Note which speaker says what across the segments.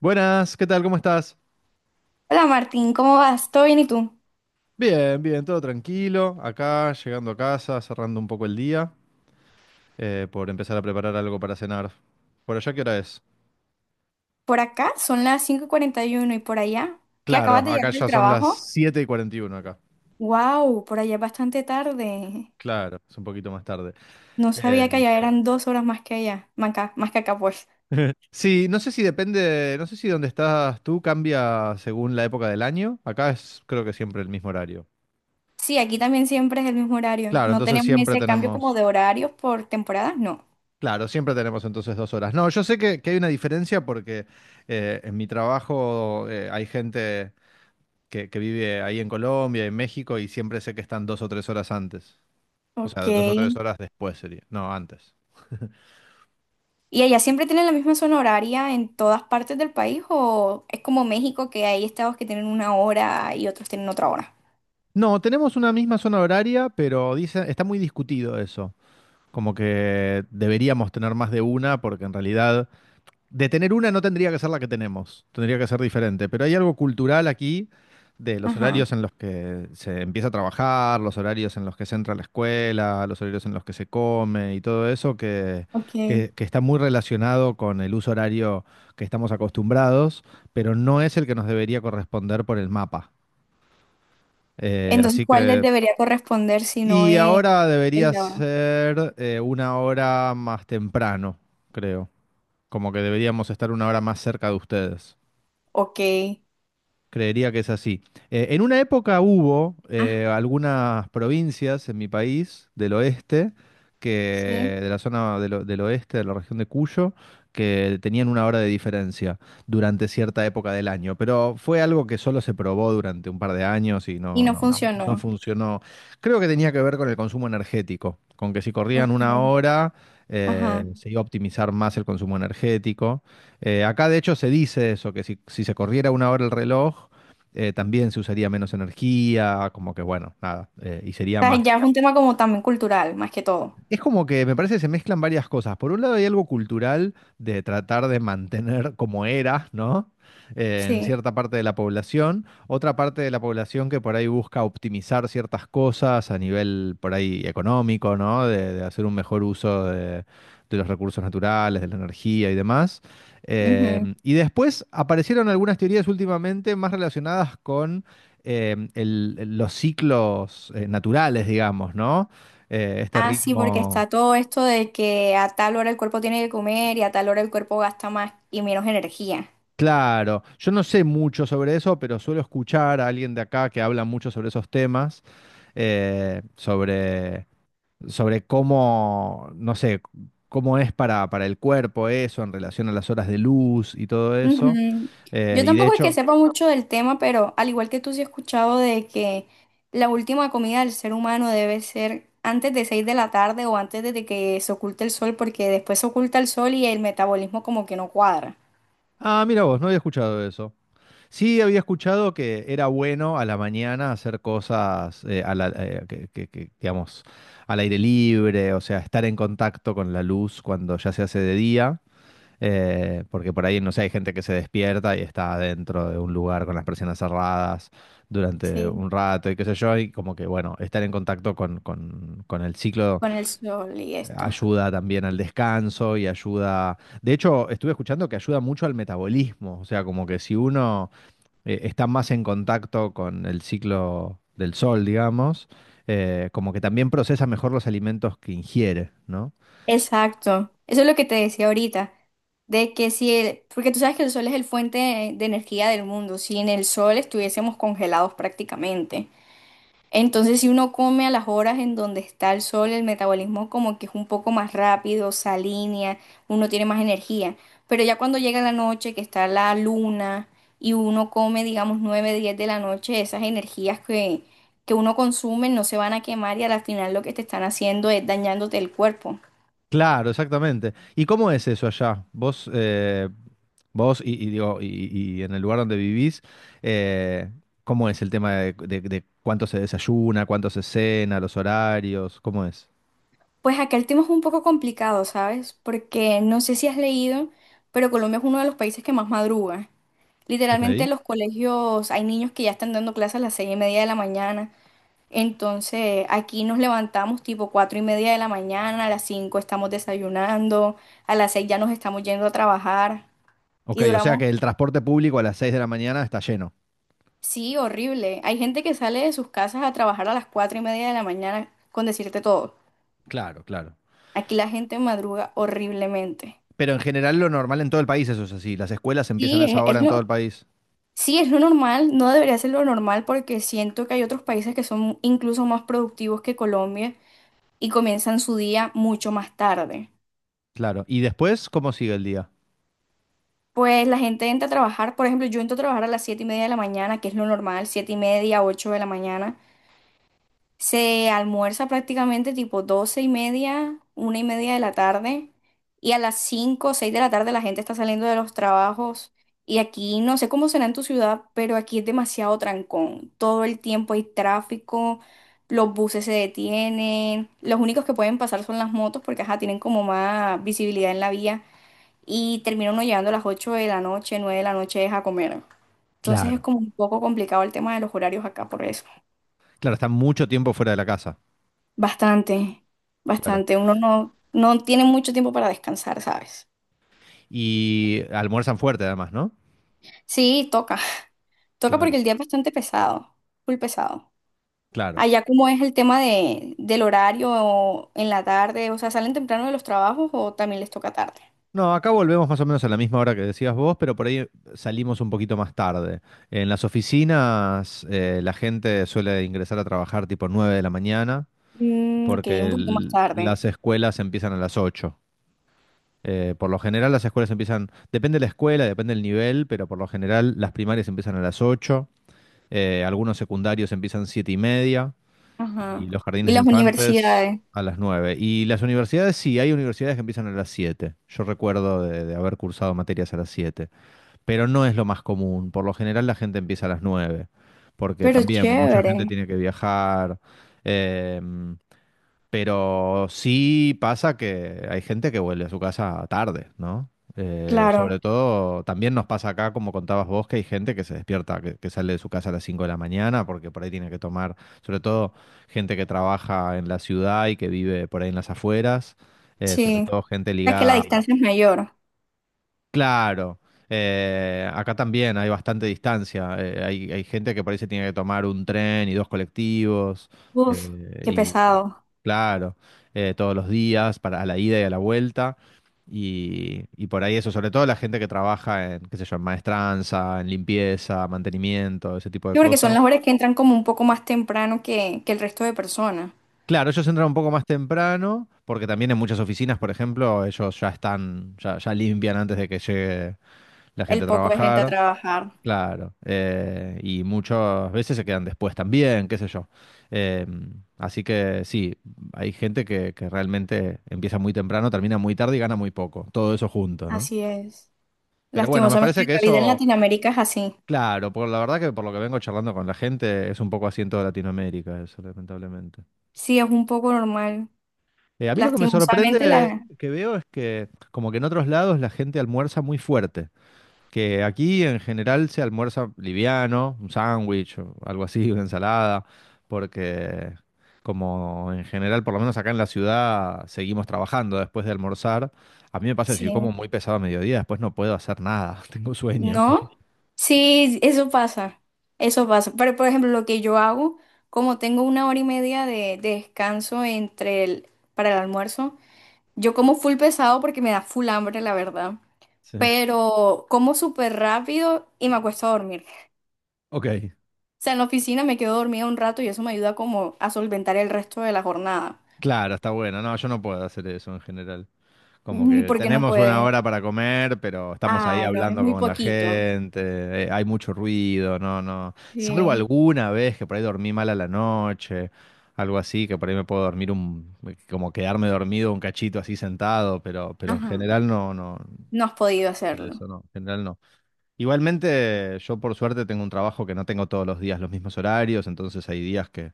Speaker 1: Buenas, ¿qué tal? ¿Cómo estás?
Speaker 2: Hola Martín, ¿cómo vas? ¿Todo bien y tú?
Speaker 1: Bien, bien, todo tranquilo. Acá, llegando a casa, cerrando un poco el día, por empezar a preparar algo para cenar. ¿Por allá qué hora es?
Speaker 2: Por acá son las 5:41 y uno y por allá, ¿qué
Speaker 1: Claro,
Speaker 2: acabas de llegar
Speaker 1: acá
Speaker 2: del
Speaker 1: ya son las
Speaker 2: trabajo?
Speaker 1: 7:41 acá.
Speaker 2: ¡Wow! Por allá es bastante tarde.
Speaker 1: Claro, es un poquito más tarde.
Speaker 2: No
Speaker 1: Eh,
Speaker 2: sabía que allá eran 2 horas más que allá, más acá, más que acá, pues.
Speaker 1: sí, no sé si depende, no sé si donde estás tú cambia según la época del año. Acá es creo que siempre el mismo horario.
Speaker 2: Sí, aquí también siempre es el mismo horario.
Speaker 1: Claro,
Speaker 2: No
Speaker 1: entonces
Speaker 2: tenemos
Speaker 1: siempre
Speaker 2: ese cambio como
Speaker 1: tenemos.
Speaker 2: de horarios por temporadas, no.
Speaker 1: Claro, siempre tenemos entonces 2 horas. No, yo sé que hay una diferencia porque en mi trabajo hay gente que vive ahí en Colombia, en México, y siempre sé que están 2 o 3 horas antes. O sea, dos o
Speaker 2: Ok.
Speaker 1: tres horas después sería. No, antes.
Speaker 2: ¿Y allá siempre tienen la misma zona horaria en todas partes del país o es como México que hay estados que tienen una hora y otros tienen otra hora?
Speaker 1: No, tenemos una misma zona horaria, pero dice, está muy discutido eso. Como que deberíamos tener más de una, porque en realidad de tener una no tendría que ser la que tenemos, tendría que ser diferente, pero hay algo cultural aquí de los
Speaker 2: Ajá,
Speaker 1: horarios en los que se empieza a trabajar, los horarios en los que se entra a la escuela, los horarios en los que se come y todo eso que,
Speaker 2: ok.
Speaker 1: que está muy relacionado con el uso horario que estamos acostumbrados, pero no es el que nos debería corresponder por el mapa. Eh,
Speaker 2: Entonces,
Speaker 1: así
Speaker 2: ¿cuál les
Speaker 1: que...
Speaker 2: debería corresponder si no
Speaker 1: Y
Speaker 2: es
Speaker 1: ahora
Speaker 2: el
Speaker 1: debería
Speaker 2: la-
Speaker 1: ser 1 hora más temprano, creo. Como que deberíamos estar 1 hora más cerca de ustedes.
Speaker 2: Ok.
Speaker 1: Creería que es así. En una época hubo
Speaker 2: Ah,
Speaker 1: algunas provincias en mi país del oeste, que,
Speaker 2: sí.
Speaker 1: de la zona del oeste, de la región de Cuyo, que tenían 1 hora de diferencia durante cierta época del año. Pero fue algo que solo se probó durante un par de años y
Speaker 2: Y
Speaker 1: no,
Speaker 2: no
Speaker 1: no, no
Speaker 2: funcionó.
Speaker 1: funcionó. Creo que tenía que ver con el consumo energético, con que si corrían
Speaker 2: Ok.
Speaker 1: 1 hora,
Speaker 2: Ajá.
Speaker 1: se iba a optimizar más el consumo energético. Acá de hecho se dice eso, que si, si se corriera 1 hora el reloj, también se usaría menos energía, como que bueno, nada, y sería
Speaker 2: O sea,
Speaker 1: más,
Speaker 2: ya es un tema como también cultural, más que todo.
Speaker 1: es como que me parece que se mezclan varias cosas. Por un lado hay algo cultural de tratar de mantener como era, ¿no? En
Speaker 2: Sí.
Speaker 1: cierta parte de la población. Otra parte de la población que por ahí busca optimizar ciertas cosas a nivel por ahí económico, ¿no? De hacer un mejor uso de los recursos naturales, de la energía y demás. Eh,
Speaker 2: Ujú.
Speaker 1: y después aparecieron algunas teorías últimamente más relacionadas con los ciclos naturales, digamos, ¿no? Este
Speaker 2: Ah, sí, porque
Speaker 1: ritmo.
Speaker 2: está todo esto de que a tal hora el cuerpo tiene que comer y a tal hora el cuerpo gasta más y menos energía.
Speaker 1: Claro, yo no sé mucho sobre eso, pero suelo escuchar a alguien de acá que habla mucho sobre esos temas, eh, sobre, sobre cómo, no sé, cómo es para el cuerpo eso en relación a las horas de luz y todo eso.
Speaker 2: Ujú. Yo
Speaker 1: Y de
Speaker 2: tampoco es que
Speaker 1: hecho,
Speaker 2: sepa mucho del tema, pero al igual que tú sí he escuchado de que la última comida del ser humano debe ser antes de 6 de la tarde o antes de que se oculte el sol, porque después se oculta el sol y el metabolismo como que no cuadra.
Speaker 1: ah, mira vos, no había escuchado eso. Sí, había escuchado que era bueno a la mañana hacer cosas a la- que, digamos, al aire libre, o sea, estar en contacto con la luz cuando ya se hace de día, porque por ahí, no sé, hay gente que se despierta y está dentro de un lugar con las persianas cerradas durante
Speaker 2: Sí,
Speaker 1: un rato y qué sé yo, y como que, bueno, estar en contacto con, con el ciclo
Speaker 2: con el sol y esto.
Speaker 1: ayuda también al descanso y ayuda. De hecho, estuve escuchando que ayuda mucho al metabolismo, o sea, como que si uno están más en contacto con el ciclo del sol, digamos, como que también procesa mejor los alimentos que ingiere, ¿no?
Speaker 2: Exacto. Eso es lo que te decía ahorita, de que si el, porque tú sabes que el sol es el fuente de energía del mundo, si en el sol estuviésemos congelados prácticamente. Entonces, si uno come a las horas en donde está el sol, el metabolismo como que es un poco más rápido, se alinea, uno tiene más energía. Pero ya cuando llega la noche, que está la luna, y uno come, digamos, 9, 10 de la noche, esas energías que uno consume no se van a quemar y al final lo que te están haciendo es dañándote el cuerpo.
Speaker 1: Claro, exactamente. ¿Y cómo es eso allá? Vos y digo, y en el lugar donde vivís, eh, ¿cómo es el tema de, de cuánto se desayuna, cuánto se cena, los horarios? ¿Cómo es?
Speaker 2: Pues acá el tema es un poco complicado, ¿sabes? Porque no sé si has leído, pero Colombia es uno de los países que más madruga.
Speaker 1: Ok.
Speaker 2: Literalmente los colegios hay niños que ya están dando clases a las 6:30 de la mañana. Entonces aquí nos levantamos tipo 4:30 de la mañana, a las 5 estamos desayunando, a las seis ya nos estamos yendo a trabajar
Speaker 1: Ok,
Speaker 2: y
Speaker 1: o sea
Speaker 2: duramos,
Speaker 1: que el transporte público a las 6 de la mañana está lleno.
Speaker 2: sí, horrible. Hay gente que sale de sus casas a trabajar a las 4:30 de la mañana, con decirte todo.
Speaker 1: Claro, claro.
Speaker 2: Aquí la gente madruga horriblemente.
Speaker 1: Pero en general lo normal en todo el país eso es así. Las escuelas empiezan a
Speaker 2: Sí,
Speaker 1: esa
Speaker 2: es,
Speaker 1: hora
Speaker 2: es
Speaker 1: en todo el
Speaker 2: lo,
Speaker 1: país.
Speaker 2: Sí, es lo normal. No debería ser lo normal porque siento que hay otros países que son incluso más productivos que Colombia y comienzan su día mucho más tarde.
Speaker 1: Claro. ¿Y después cómo sigue el día?
Speaker 2: Pues la gente entra a trabajar, por ejemplo, yo entro a trabajar a las 7:30 de la mañana, que es lo normal, 7:30, 8 de la mañana. Se almuerza prácticamente tipo 12:30, 1:30 de la tarde, y a las cinco o 6 de la tarde la gente está saliendo de los trabajos. Y aquí, no sé cómo será en tu ciudad, pero aquí es demasiado trancón. Todo el tiempo hay tráfico, los buses se detienen, los únicos que pueden pasar son las motos porque, ajá, tienen como más visibilidad en la vía. Y termina uno llegando a las 8 de la noche, 9 de la noche es a comer. Entonces es
Speaker 1: Claro.
Speaker 2: como un poco complicado el tema de los horarios acá por eso.
Speaker 1: Claro, están mucho tiempo fuera de la casa.
Speaker 2: Bastante,
Speaker 1: Claro.
Speaker 2: bastante. Uno no tiene mucho tiempo para descansar, ¿sabes?
Speaker 1: Y almuerzan fuerte además, ¿no?
Speaker 2: Sí, toca. Toca
Speaker 1: Claro,
Speaker 2: porque el día es bastante pesado, muy pesado.
Speaker 1: claro.
Speaker 2: Allá, ¿cómo es el tema de, del horario en la tarde? O sea, ¿salen temprano de los trabajos o también les toca tarde?
Speaker 1: No, acá volvemos más o menos a la misma hora que decías vos, pero por ahí salimos un poquito más tarde. En las oficinas la gente suele ingresar a trabajar tipo 9 de la mañana
Speaker 2: Mm, ok, un
Speaker 1: porque
Speaker 2: poquito más tarde.
Speaker 1: las escuelas empiezan a las 8. Por lo general las escuelas empiezan, depende de la escuela, depende del nivel, pero por lo general las primarias empiezan a las 8. Algunos secundarios empiezan 7:30
Speaker 2: Ajá.
Speaker 1: y los
Speaker 2: Y
Speaker 1: jardines de
Speaker 2: las
Speaker 1: infantes
Speaker 2: universidades.
Speaker 1: a las 9. Y las universidades, sí, hay universidades que empiezan a las 7. Yo recuerdo de haber cursado materias a las 7, pero no es lo más común. Por lo general la gente empieza a las 9 porque
Speaker 2: Pero
Speaker 1: también mucha
Speaker 2: chévere.
Speaker 1: gente tiene que viajar. eh, pero sí pasa que hay gente que vuelve a su casa tarde, ¿no? Eh,
Speaker 2: Claro,
Speaker 1: sobre todo, también nos pasa acá, como contabas vos, que hay gente que se despierta, que sale de su casa a las 5 de la mañana, porque por ahí tiene que tomar, sobre todo gente que trabaja en la ciudad y que vive por ahí en las afueras, sobre
Speaker 2: sí.
Speaker 1: todo gente
Speaker 2: Es que la
Speaker 1: ligada.
Speaker 2: distancia es mayor.
Speaker 1: Claro, acá también hay bastante distancia. Hay gente que por ahí se tiene que tomar un tren y dos colectivos.
Speaker 2: Uf,
Speaker 1: eh,
Speaker 2: qué
Speaker 1: y
Speaker 2: pesado.
Speaker 1: claro, todos los días para a la ida y a la vuelta. Y por ahí eso, sobre todo la gente que trabaja en, qué sé yo, en maestranza, en limpieza, mantenimiento, ese tipo de
Speaker 2: Yo creo que son las
Speaker 1: cosas.
Speaker 2: horas que entran como un poco más temprano que el resto de personas.
Speaker 1: Claro, ellos entran un poco más temprano, porque también en muchas oficinas, por ejemplo, ellos ya están, ya limpian antes de que llegue la gente
Speaker 2: El
Speaker 1: a
Speaker 2: poco de gente a
Speaker 1: trabajar.
Speaker 2: trabajar.
Speaker 1: Claro, y muchas veces se quedan después también, qué sé yo. Eh, así que sí, hay gente que realmente empieza muy temprano, termina muy tarde y gana muy poco, todo eso junto, ¿no?
Speaker 2: Así es.
Speaker 1: Pero bueno, me
Speaker 2: Lastimosamente
Speaker 1: parece que
Speaker 2: la vida en
Speaker 1: eso,
Speaker 2: Latinoamérica es así.
Speaker 1: claro, por la verdad que por lo que vengo charlando con la gente, es un poco así en toda Latinoamérica, eso, lamentablemente.
Speaker 2: Sí, es un poco normal.
Speaker 1: A mí lo que me
Speaker 2: Lastimosamente
Speaker 1: sorprende
Speaker 2: la...
Speaker 1: que veo es que como que en otros lados la gente almuerza muy fuerte. Que aquí en general se almuerza liviano, un sándwich o algo así, una ensalada, porque como en general, por lo menos acá en la ciudad, seguimos trabajando después de almorzar. A mí me pasa que si yo como
Speaker 2: Sí.
Speaker 1: muy pesado a mediodía, después no puedo hacer nada, tengo sueño.
Speaker 2: ¿No? Sí, eso pasa. Eso pasa. Pero, por ejemplo, lo que yo hago, como tengo una hora y media de descanso para el almuerzo, yo como full pesado porque me da full hambre, la verdad.
Speaker 1: Sí.
Speaker 2: Pero como súper rápido y me acuesto a dormir.
Speaker 1: Ok,
Speaker 2: O sea, en la oficina me quedo dormida un rato y eso me ayuda como a solventar el resto de la jornada.
Speaker 1: claro, está bueno. No, yo no puedo hacer eso en general. Como
Speaker 2: ¿Y
Speaker 1: que
Speaker 2: por qué no
Speaker 1: tenemos una
Speaker 2: puedes?
Speaker 1: hora para comer, pero estamos ahí
Speaker 2: Ah, no, es
Speaker 1: hablando
Speaker 2: muy
Speaker 1: con la
Speaker 2: poquito.
Speaker 1: gente, hay mucho ruido, no, no. Salvo
Speaker 2: Sí.
Speaker 1: alguna vez que por ahí dormí mal a la noche, algo así, que por ahí me puedo dormir un, como quedarme dormido un cachito así sentado, pero en
Speaker 2: Ajá.
Speaker 1: general no, no,
Speaker 2: No has podido hacerlo.
Speaker 1: eso no, en general no. Igualmente, yo por suerte tengo un trabajo que no tengo todos los días los mismos horarios, entonces hay días que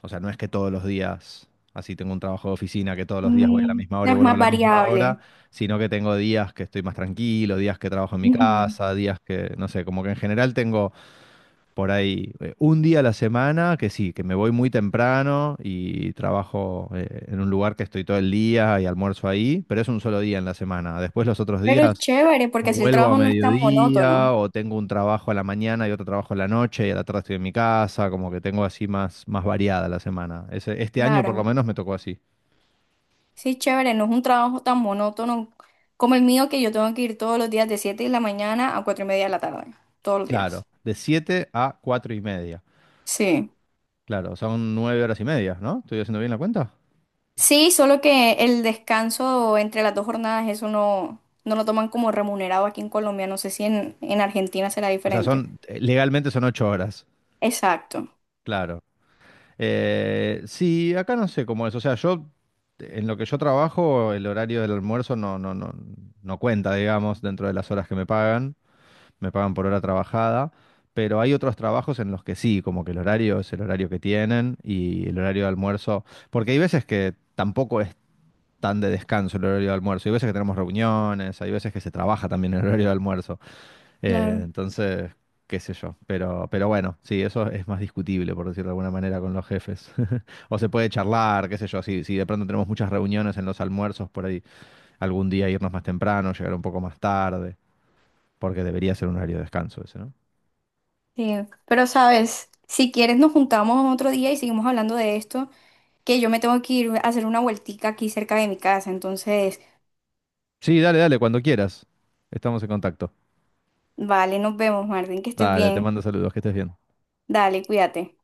Speaker 1: o sea, no es que todos los días, así tengo un trabajo de oficina, que todos los días voy a la
Speaker 2: Mm,
Speaker 1: misma hora y
Speaker 2: es
Speaker 1: vuelvo a
Speaker 2: más
Speaker 1: la misma hora,
Speaker 2: variable.
Speaker 1: sino que tengo días que estoy más tranquilo, días que trabajo en mi
Speaker 2: Ujú.
Speaker 1: casa, días que, no sé, como que en general tengo por ahí un día a la semana que sí, que me voy muy temprano y trabajo en un lugar que estoy todo el día y almuerzo ahí, pero es un solo día en la semana. Después los otros
Speaker 2: Pero es
Speaker 1: días
Speaker 2: chévere, porque
Speaker 1: o
Speaker 2: así el
Speaker 1: vuelvo a
Speaker 2: trabajo no es tan
Speaker 1: mediodía,
Speaker 2: monótono.
Speaker 1: o tengo un trabajo a la mañana y otro trabajo a la noche, y a la tarde estoy en mi casa, como que tengo así más, más variada la semana. Este año
Speaker 2: Claro.
Speaker 1: por lo menos me tocó así.
Speaker 2: Sí, es chévere, no es un trabajo tan monótono como el mío, que yo tengo que ir todos los días de 7 de la mañana a 4:30 de la tarde. Todos los
Speaker 1: Claro,
Speaker 2: días.
Speaker 1: de 7 a 4:30.
Speaker 2: Sí.
Speaker 1: Claro, son 9 horas y media, ¿no? ¿Estoy haciendo bien la cuenta?
Speaker 2: Sí, solo que el descanso entre las dos jornadas, eso no lo toman como remunerado aquí en Colombia. No sé si en Argentina será
Speaker 1: O sea,
Speaker 2: diferente.
Speaker 1: son, legalmente son 8 horas,
Speaker 2: Exacto,
Speaker 1: claro. Sí, acá no sé cómo es. O sea, yo, en lo que yo trabajo, el horario del almuerzo no cuenta, digamos, dentro de las horas que me pagan. Me pagan por hora trabajada, pero hay otros trabajos en los que sí, como que el horario es el horario que tienen y el horario de almuerzo, porque hay veces que tampoco es tan de descanso el horario de almuerzo, hay veces que tenemos reuniones, hay veces que se trabaja también el horario de almuerzo,
Speaker 2: claro.
Speaker 1: entonces, qué sé yo, pero bueno, sí, eso es más discutible, por decirlo de alguna manera, con los jefes. O se puede charlar, qué sé yo, si, si de pronto tenemos muchas reuniones en los almuerzos, por ahí algún día irnos más temprano, llegar un poco más tarde, porque debería ser un horario de descanso ese, ¿no?
Speaker 2: Sí. Pero sabes, si quieres nos juntamos otro día y seguimos hablando de esto, que yo me tengo que ir a hacer una vueltica aquí cerca de mi casa. Entonces,
Speaker 1: Sí, dale, dale, cuando quieras. Estamos en contacto.
Speaker 2: vale, nos vemos, Martín, que estés
Speaker 1: Dale, te
Speaker 2: bien.
Speaker 1: mando saludos, que estés bien.
Speaker 2: Dale, cuídate.